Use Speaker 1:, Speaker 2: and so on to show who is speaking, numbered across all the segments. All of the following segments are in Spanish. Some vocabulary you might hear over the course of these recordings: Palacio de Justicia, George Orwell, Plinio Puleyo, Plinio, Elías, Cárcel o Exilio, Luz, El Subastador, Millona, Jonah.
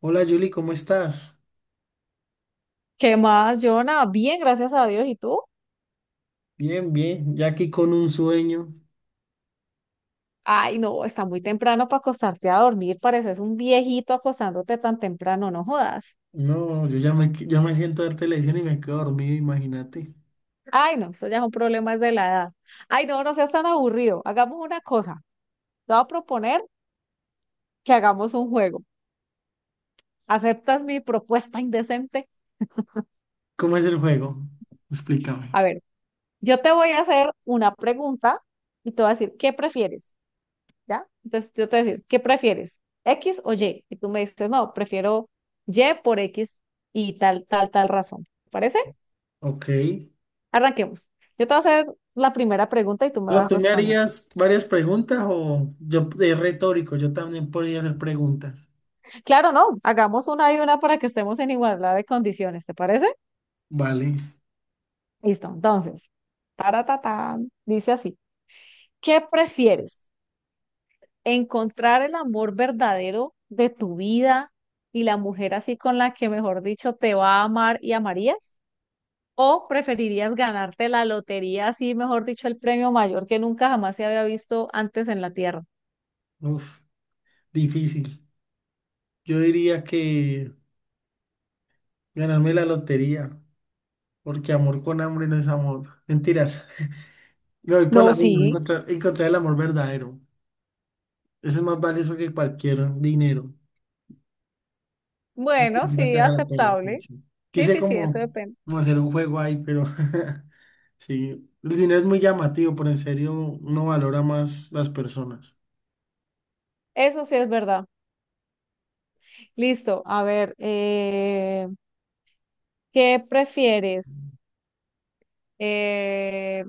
Speaker 1: Hola Julie, ¿cómo estás?
Speaker 2: ¿Qué más, Jonah? Bien, gracias a Dios. ¿Y tú?
Speaker 1: Bien, bien, ya aquí con un sueño.
Speaker 2: Ay, no, está muy temprano para acostarte a dormir. Pareces un viejito acostándote tan temprano, no jodas.
Speaker 1: No, yo ya me, qu- ya me siento a ver televisión y me quedo dormido, imagínate.
Speaker 2: Ay, no, eso ya es un problema de la edad. Ay, no, no seas tan aburrido. Hagamos una cosa. Te voy a proponer que hagamos un juego. ¿Aceptas mi propuesta indecente?
Speaker 1: ¿Cómo es el juego? Explícame.
Speaker 2: A ver, yo te voy a hacer una pregunta y te voy a decir, ¿qué prefieres? ¿Ya? Entonces yo te voy a decir, ¿qué prefieres? ¿X o Y? Y tú me dices, no, prefiero Y por X y tal, tal, tal razón. ¿Te parece?
Speaker 1: Ok.
Speaker 2: Arranquemos. Yo te voy a hacer la primera pregunta y tú me
Speaker 1: Pero
Speaker 2: vas a
Speaker 1: tú me
Speaker 2: responder.
Speaker 1: harías varias preguntas o yo es retórico, yo también podría hacer preguntas.
Speaker 2: Claro, no, hagamos una y una para que estemos en igualdad de condiciones, ¿te parece?
Speaker 1: Vale.
Speaker 2: Listo, entonces, taratatán, dice así, ¿qué prefieres? ¿Encontrar el amor verdadero de tu vida y la mujer así con la que, mejor dicho, te va a amar y amarías? ¿O preferirías ganarte la lotería, así mejor dicho, el premio mayor que nunca jamás se había visto antes en la Tierra?
Speaker 1: Uf, difícil. Yo diría que ganarme la lotería, porque amor con hambre no es amor. Mentiras. Me voy por la
Speaker 2: No,
Speaker 1: uno,
Speaker 2: sí.
Speaker 1: encontrar el amor verdadero. Eso es más valioso que cualquier dinero. Una
Speaker 2: Bueno,
Speaker 1: persona que
Speaker 2: sí,
Speaker 1: haga la pena.
Speaker 2: aceptable.
Speaker 1: Pucha.
Speaker 2: Sí,
Speaker 1: Quise
Speaker 2: sí, sí, eso
Speaker 1: como,
Speaker 2: depende.
Speaker 1: como hacer un juego ahí, pero sí. El dinero es muy llamativo, pero en serio uno valora más las personas.
Speaker 2: Eso sí es verdad. Listo, a ver, ¿qué prefieres? Eh,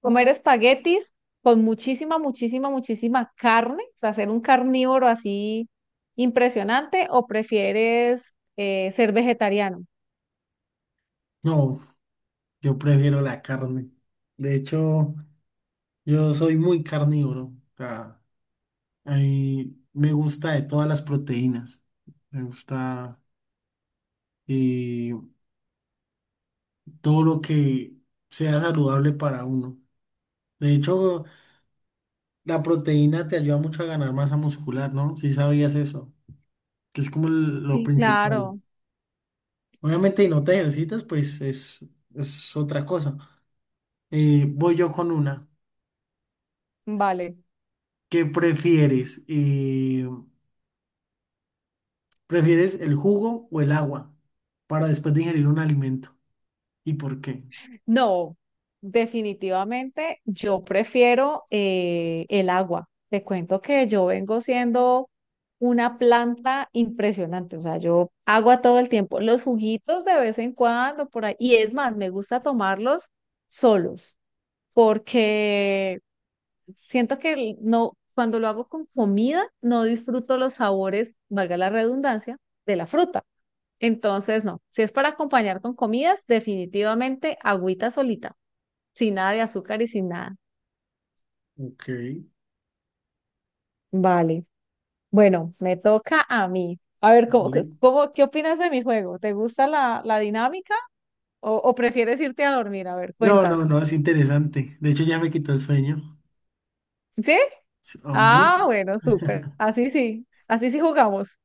Speaker 2: ¿Comer espaguetis con muchísima, muchísima, muchísima carne? O sea, ser un carnívoro así impresionante, ¿o prefieres ser vegetariano?
Speaker 1: No, yo prefiero la carne. De hecho, yo soy muy carnívoro. O sea, a mí me gusta de todas las proteínas. Me gusta y todo lo que sea saludable para uno. De hecho, la proteína te ayuda mucho a ganar masa muscular, ¿no? Si sabías eso, que es como el- lo
Speaker 2: Sí,
Speaker 1: principal.
Speaker 2: claro,
Speaker 1: Obviamente, y no te ejercitas, pues es otra cosa. Voy yo con una.
Speaker 2: vale.
Speaker 1: ¿Qué prefieres? ¿Prefieres el jugo o el agua para después de ingerir un alimento? ¿Y por qué?
Speaker 2: No, definitivamente yo prefiero el agua. Te cuento que yo vengo siendo una planta impresionante, o sea, yo agua todo el tiempo, los juguitos de vez en cuando por ahí, y es más, me gusta tomarlos solos, porque siento que no, cuando lo hago con comida, no disfruto los sabores, valga la redundancia, de la fruta. Entonces, no, si es para acompañar con comidas, definitivamente agüita solita. Sin nada de azúcar y sin nada.
Speaker 1: Ok.
Speaker 2: Vale. Bueno, me toca a mí. A ver, ¿cómo,
Speaker 1: Dale.
Speaker 2: qué opinas de mi juego? ¿Te gusta la dinámica o prefieres irte a dormir? A ver,
Speaker 1: No, no,
Speaker 2: cuéntame.
Speaker 1: no, es interesante. De hecho, ya me quitó el sueño.
Speaker 2: ¿Sí?
Speaker 1: Sí, hombre.
Speaker 2: Ah, bueno, súper. Así sí. Así sí jugamos.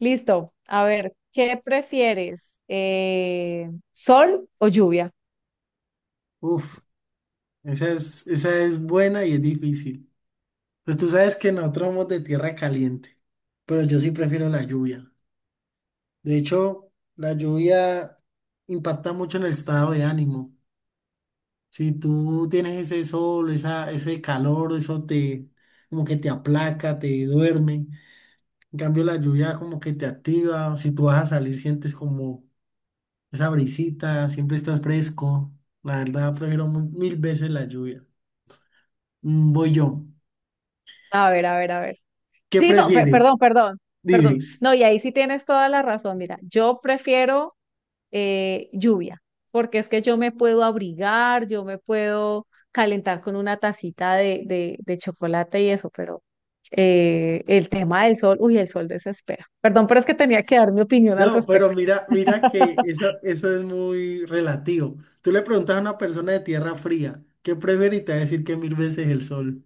Speaker 2: Listo. A ver, ¿qué prefieres? ¿Sol o lluvia?
Speaker 1: Uf, esa es buena y es difícil. Pues tú sabes que nosotros somos de tierra caliente, pero yo sí prefiero la lluvia. De hecho, la lluvia impacta mucho en el estado de ánimo. Si tú tienes ese sol, ese calor, eso te como que te aplaca, te duerme. En cambio, la lluvia como que te activa. Si tú vas a salir, sientes como esa brisita, siempre estás fresco. La verdad, prefiero mil veces la lluvia. Mm, voy yo.
Speaker 2: A ver, a ver, a ver.
Speaker 1: ¿Qué
Speaker 2: Sí, no,
Speaker 1: prefieres?
Speaker 2: perdón, perdón, perdón.
Speaker 1: Dime.
Speaker 2: No, y ahí sí tienes toda la razón. Mira, yo prefiero lluvia, porque es que yo me puedo abrigar, yo me puedo calentar con una tacita de chocolate y eso, pero el tema del sol, uy, el sol desespera. Perdón, pero es que tenía que dar mi opinión al
Speaker 1: No, pero
Speaker 2: respecto.
Speaker 1: mira que eso es muy relativo. Tú le preguntas a una persona de tierra fría, ¿qué prefiere? Y te va a decir que mil veces el sol.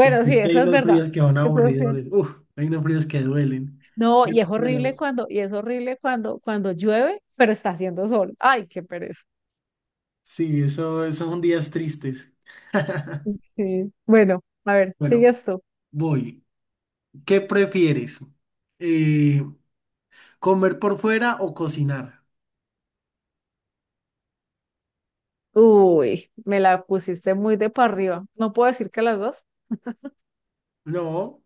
Speaker 1: Porque
Speaker 2: sí,
Speaker 1: es que hay
Speaker 2: eso es
Speaker 1: unos
Speaker 2: verdad.
Speaker 1: fríos que son
Speaker 2: Eso es cierto.
Speaker 1: aburridores. Uf, hay unos fríos que duelen.
Speaker 2: No,
Speaker 1: Pero,
Speaker 2: y es
Speaker 1: pero
Speaker 2: horrible cuando, y es horrible cuando, cuando llueve, pero está haciendo sol. Ay, qué pereza.
Speaker 1: sí, eso, esos son días tristes.
Speaker 2: Sí. Bueno, a ver,
Speaker 1: Bueno,
Speaker 2: sigue esto.
Speaker 1: voy. ¿Qué prefieres? Eh, ¿Comer por fuera o cocinar?
Speaker 2: Uy, me la pusiste muy de para arriba. No puedo decir que las dos.
Speaker 1: No,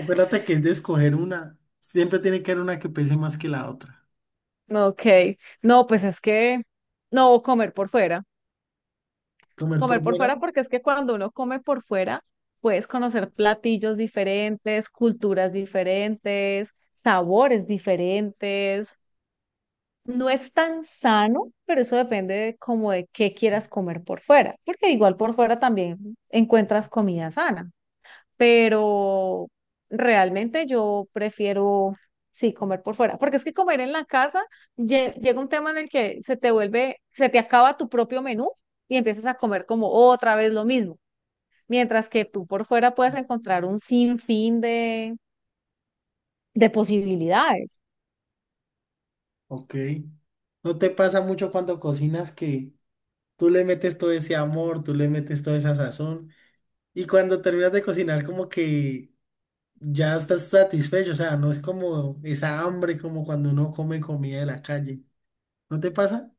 Speaker 1: acuérdate que es de escoger una. Siempre tiene que haber una que pese más que la otra.
Speaker 2: Ok, no, pues es que no comer por fuera,
Speaker 1: ¿Comer por
Speaker 2: comer por
Speaker 1: fuera?
Speaker 2: fuera porque es que cuando uno come por fuera puedes conocer platillos diferentes, culturas diferentes, sabores diferentes. No es tan sano, pero eso depende de como de qué quieras comer por fuera, porque igual por fuera también encuentras comida sana pero realmente yo prefiero, sí, comer por fuera, porque es que comer en la casa llega un tema en el que se te vuelve, se te acaba tu propio menú y empiezas a comer como otra vez lo mismo, mientras que tú por fuera puedes encontrar un sinfín de posibilidades.
Speaker 1: Ok. ¿No te pasa mucho cuando cocinas que tú le metes todo ese amor, tú le metes toda esa sazón y cuando terminas de cocinar como que ya estás satisfecho? O sea, no es como esa hambre como cuando uno come comida de la calle. ¿No te pasa?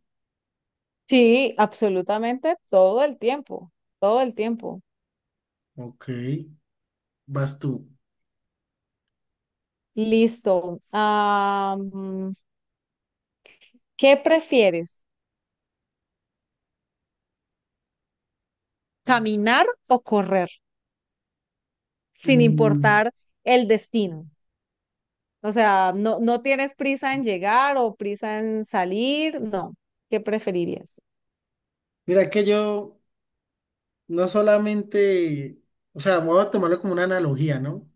Speaker 2: Sí, absolutamente todo el tiempo, todo el tiempo.
Speaker 1: Ok, vas tú.
Speaker 2: Listo. Ah, ¿qué prefieres? ¿Caminar o correr? Sin
Speaker 1: Mm,
Speaker 2: importar el destino. O sea, no, no tienes prisa en llegar o prisa en salir, no. ¿Qué preferirías?
Speaker 1: mira que yo no solamente, o sea, voy a tomarlo como una analogía, ¿no?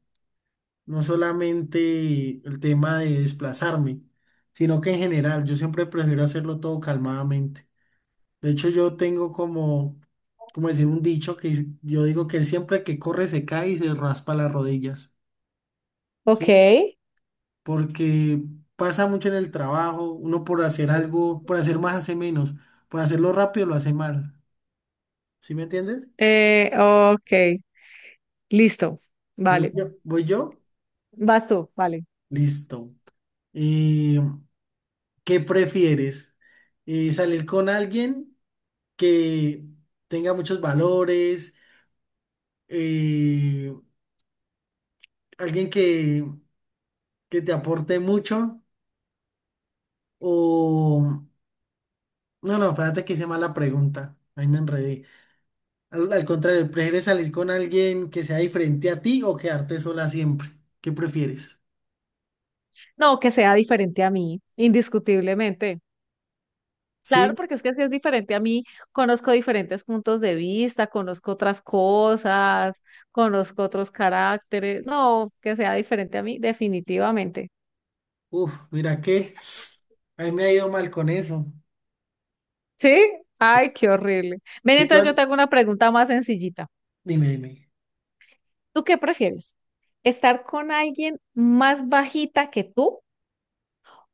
Speaker 1: No solamente el tema de desplazarme, sino que en general yo siempre prefiero hacerlo todo calmadamente. De hecho, yo tengo como, como decir, un dicho que es- yo digo que siempre que corre se cae y se raspa las rodillas,
Speaker 2: Ok,
Speaker 1: ¿sí? Porque pasa mucho en el trabajo, uno por hacer algo, por hacer más hace menos, por hacerlo rápido lo hace mal, ¿sí me entiendes?
Speaker 2: Ok, listo. Vale.
Speaker 1: Voy yo,
Speaker 2: Vas tú, vale.
Speaker 1: listo. Eh, ¿Qué prefieres? ¿Salir con alguien que tenga muchos valores, eh, alguien que te aporte mucho? O... No, no, espérate que hice mala pregunta. Ahí me enredé. Al contrario, ¿prefieres salir con alguien que sea diferente a ti o quedarte sola siempre? ¿Qué prefieres?
Speaker 2: No, que sea diferente a mí, indiscutiblemente. Claro,
Speaker 1: Sí,
Speaker 2: porque es que si es diferente a mí, conozco diferentes puntos de vista, conozco otras cosas, conozco otros caracteres. No, que sea diferente a mí, definitivamente.
Speaker 1: uf, mira que a mí me ha ido mal con eso.
Speaker 2: ¿Sí?
Speaker 1: Sí.
Speaker 2: Ay, qué horrible. Ven,
Speaker 1: Sí,
Speaker 2: entonces
Speaker 1: claro.
Speaker 2: yo te hago una pregunta más sencillita.
Speaker 1: Dime, dime.
Speaker 2: ¿Tú qué prefieres? ¿Estar con alguien más bajita que tú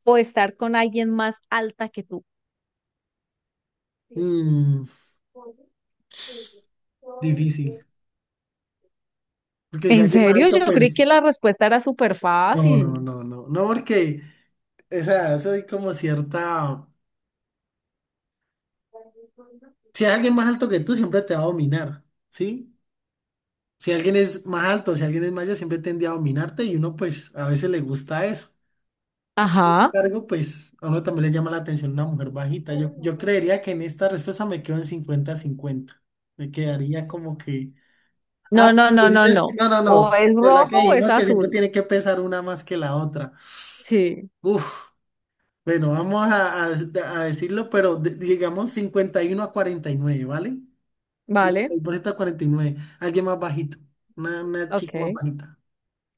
Speaker 2: o estar con alguien más alta que tú?
Speaker 1: Mm, difícil. Porque si
Speaker 2: ¿En
Speaker 1: alguien más
Speaker 2: serio?
Speaker 1: alto,
Speaker 2: Yo creí
Speaker 1: pues...
Speaker 2: que la respuesta era súper
Speaker 1: No, no,
Speaker 2: fácil.
Speaker 1: no, no. No, porque... O sea, eso es como cierta... Si hay alguien más alto que tú, siempre te va a dominar, ¿sí? Si alguien es más alto, si alguien es mayor, siempre tiende a dominarte y uno pues a veces le gusta eso.
Speaker 2: Ajá.
Speaker 1: Cargo, pues a uno también le llama la atención una mujer bajita. Yo creería que en esta respuesta me quedo en 50 cincuenta. Me quedaría como que...
Speaker 2: No,
Speaker 1: Ah, pero
Speaker 2: no,
Speaker 1: tú
Speaker 2: no, no,
Speaker 1: dices que-
Speaker 2: no.
Speaker 1: no, no, no.
Speaker 2: O es
Speaker 1: De la que
Speaker 2: rojo o es
Speaker 1: dijimos que siempre
Speaker 2: azul.
Speaker 1: tiene que pesar una más que la otra.
Speaker 2: Sí,
Speaker 1: Uf, bueno, vamos a decirlo, pero digamos 51 a 49, ¿vale?
Speaker 2: vale.
Speaker 1: 50% a 49. Alguien más bajito. Una chica más
Speaker 2: Ok.
Speaker 1: bajita.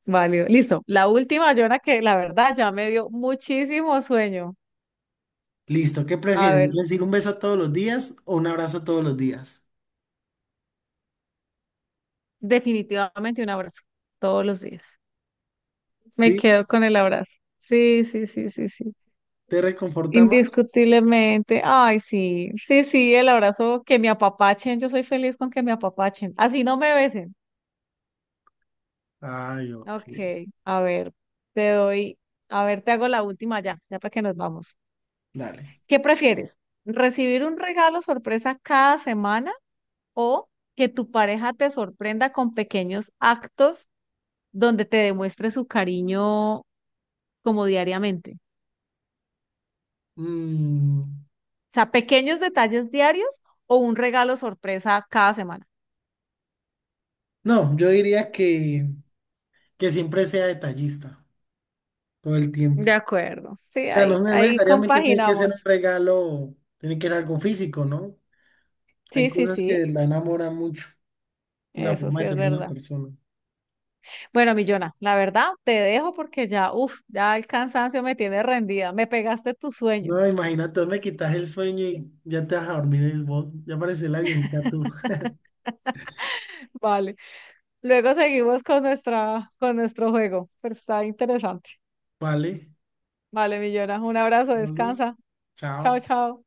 Speaker 2: Válido. Listo. La última, Jonah, que la verdad ya me dio muchísimo sueño.
Speaker 1: Listo, ¿qué
Speaker 2: A
Speaker 1: prefieres?
Speaker 2: ver,
Speaker 1: ¿Recibir un beso todos los días o un abrazo todos los días?
Speaker 2: definitivamente un abrazo todos los días. Me
Speaker 1: ¿Sí?
Speaker 2: quedo con el abrazo. Sí, sí, sí, sí, sí.
Speaker 1: ¿Te reconforta más?
Speaker 2: Indiscutiblemente. Ay, sí, sí, sí, el abrazo que me apapachen. Yo soy feliz con que me apapachen. Así no me besen.
Speaker 1: Ay, ok.
Speaker 2: Ok, a ver, te doy, a ver, te hago la última ya, ya para que nos vamos.
Speaker 1: Dale.
Speaker 2: ¿Qué prefieres? ¿Recibir un regalo sorpresa cada semana? O que tu pareja te sorprenda con pequeños actos donde te demuestre su cariño como diariamente.
Speaker 1: Mm,
Speaker 2: O sea, pequeños detalles diarios o un regalo sorpresa cada semana.
Speaker 1: no, yo diría que siempre sea detallista todo el tiempo.
Speaker 2: De acuerdo. Sí,
Speaker 1: O sea, no,
Speaker 2: ahí,
Speaker 1: no
Speaker 2: ahí
Speaker 1: necesariamente tiene que ser un
Speaker 2: compaginamos.
Speaker 1: regalo, tiene que ser algo físico, ¿no? Hay
Speaker 2: Sí, sí,
Speaker 1: cosas
Speaker 2: sí.
Speaker 1: que la enamoran mucho, la
Speaker 2: Eso
Speaker 1: forma
Speaker 2: sí
Speaker 1: de
Speaker 2: es
Speaker 1: ser de una
Speaker 2: verdad.
Speaker 1: persona.
Speaker 2: Bueno, Millona, la verdad te dejo porque ya, uff, ya el cansancio me tiene rendida. Me pegaste tu sueño.
Speaker 1: No, imagínate, me quitas el sueño y ya te vas a dormir el bot. Ya pareces la viejita tú.
Speaker 2: Vale. Luego seguimos con nuestra, con nuestro juego, pero está interesante.
Speaker 1: Vale,
Speaker 2: Vale, mi Jonah, un abrazo,
Speaker 1: vale,
Speaker 2: descansa. Chao,
Speaker 1: chao.
Speaker 2: chao.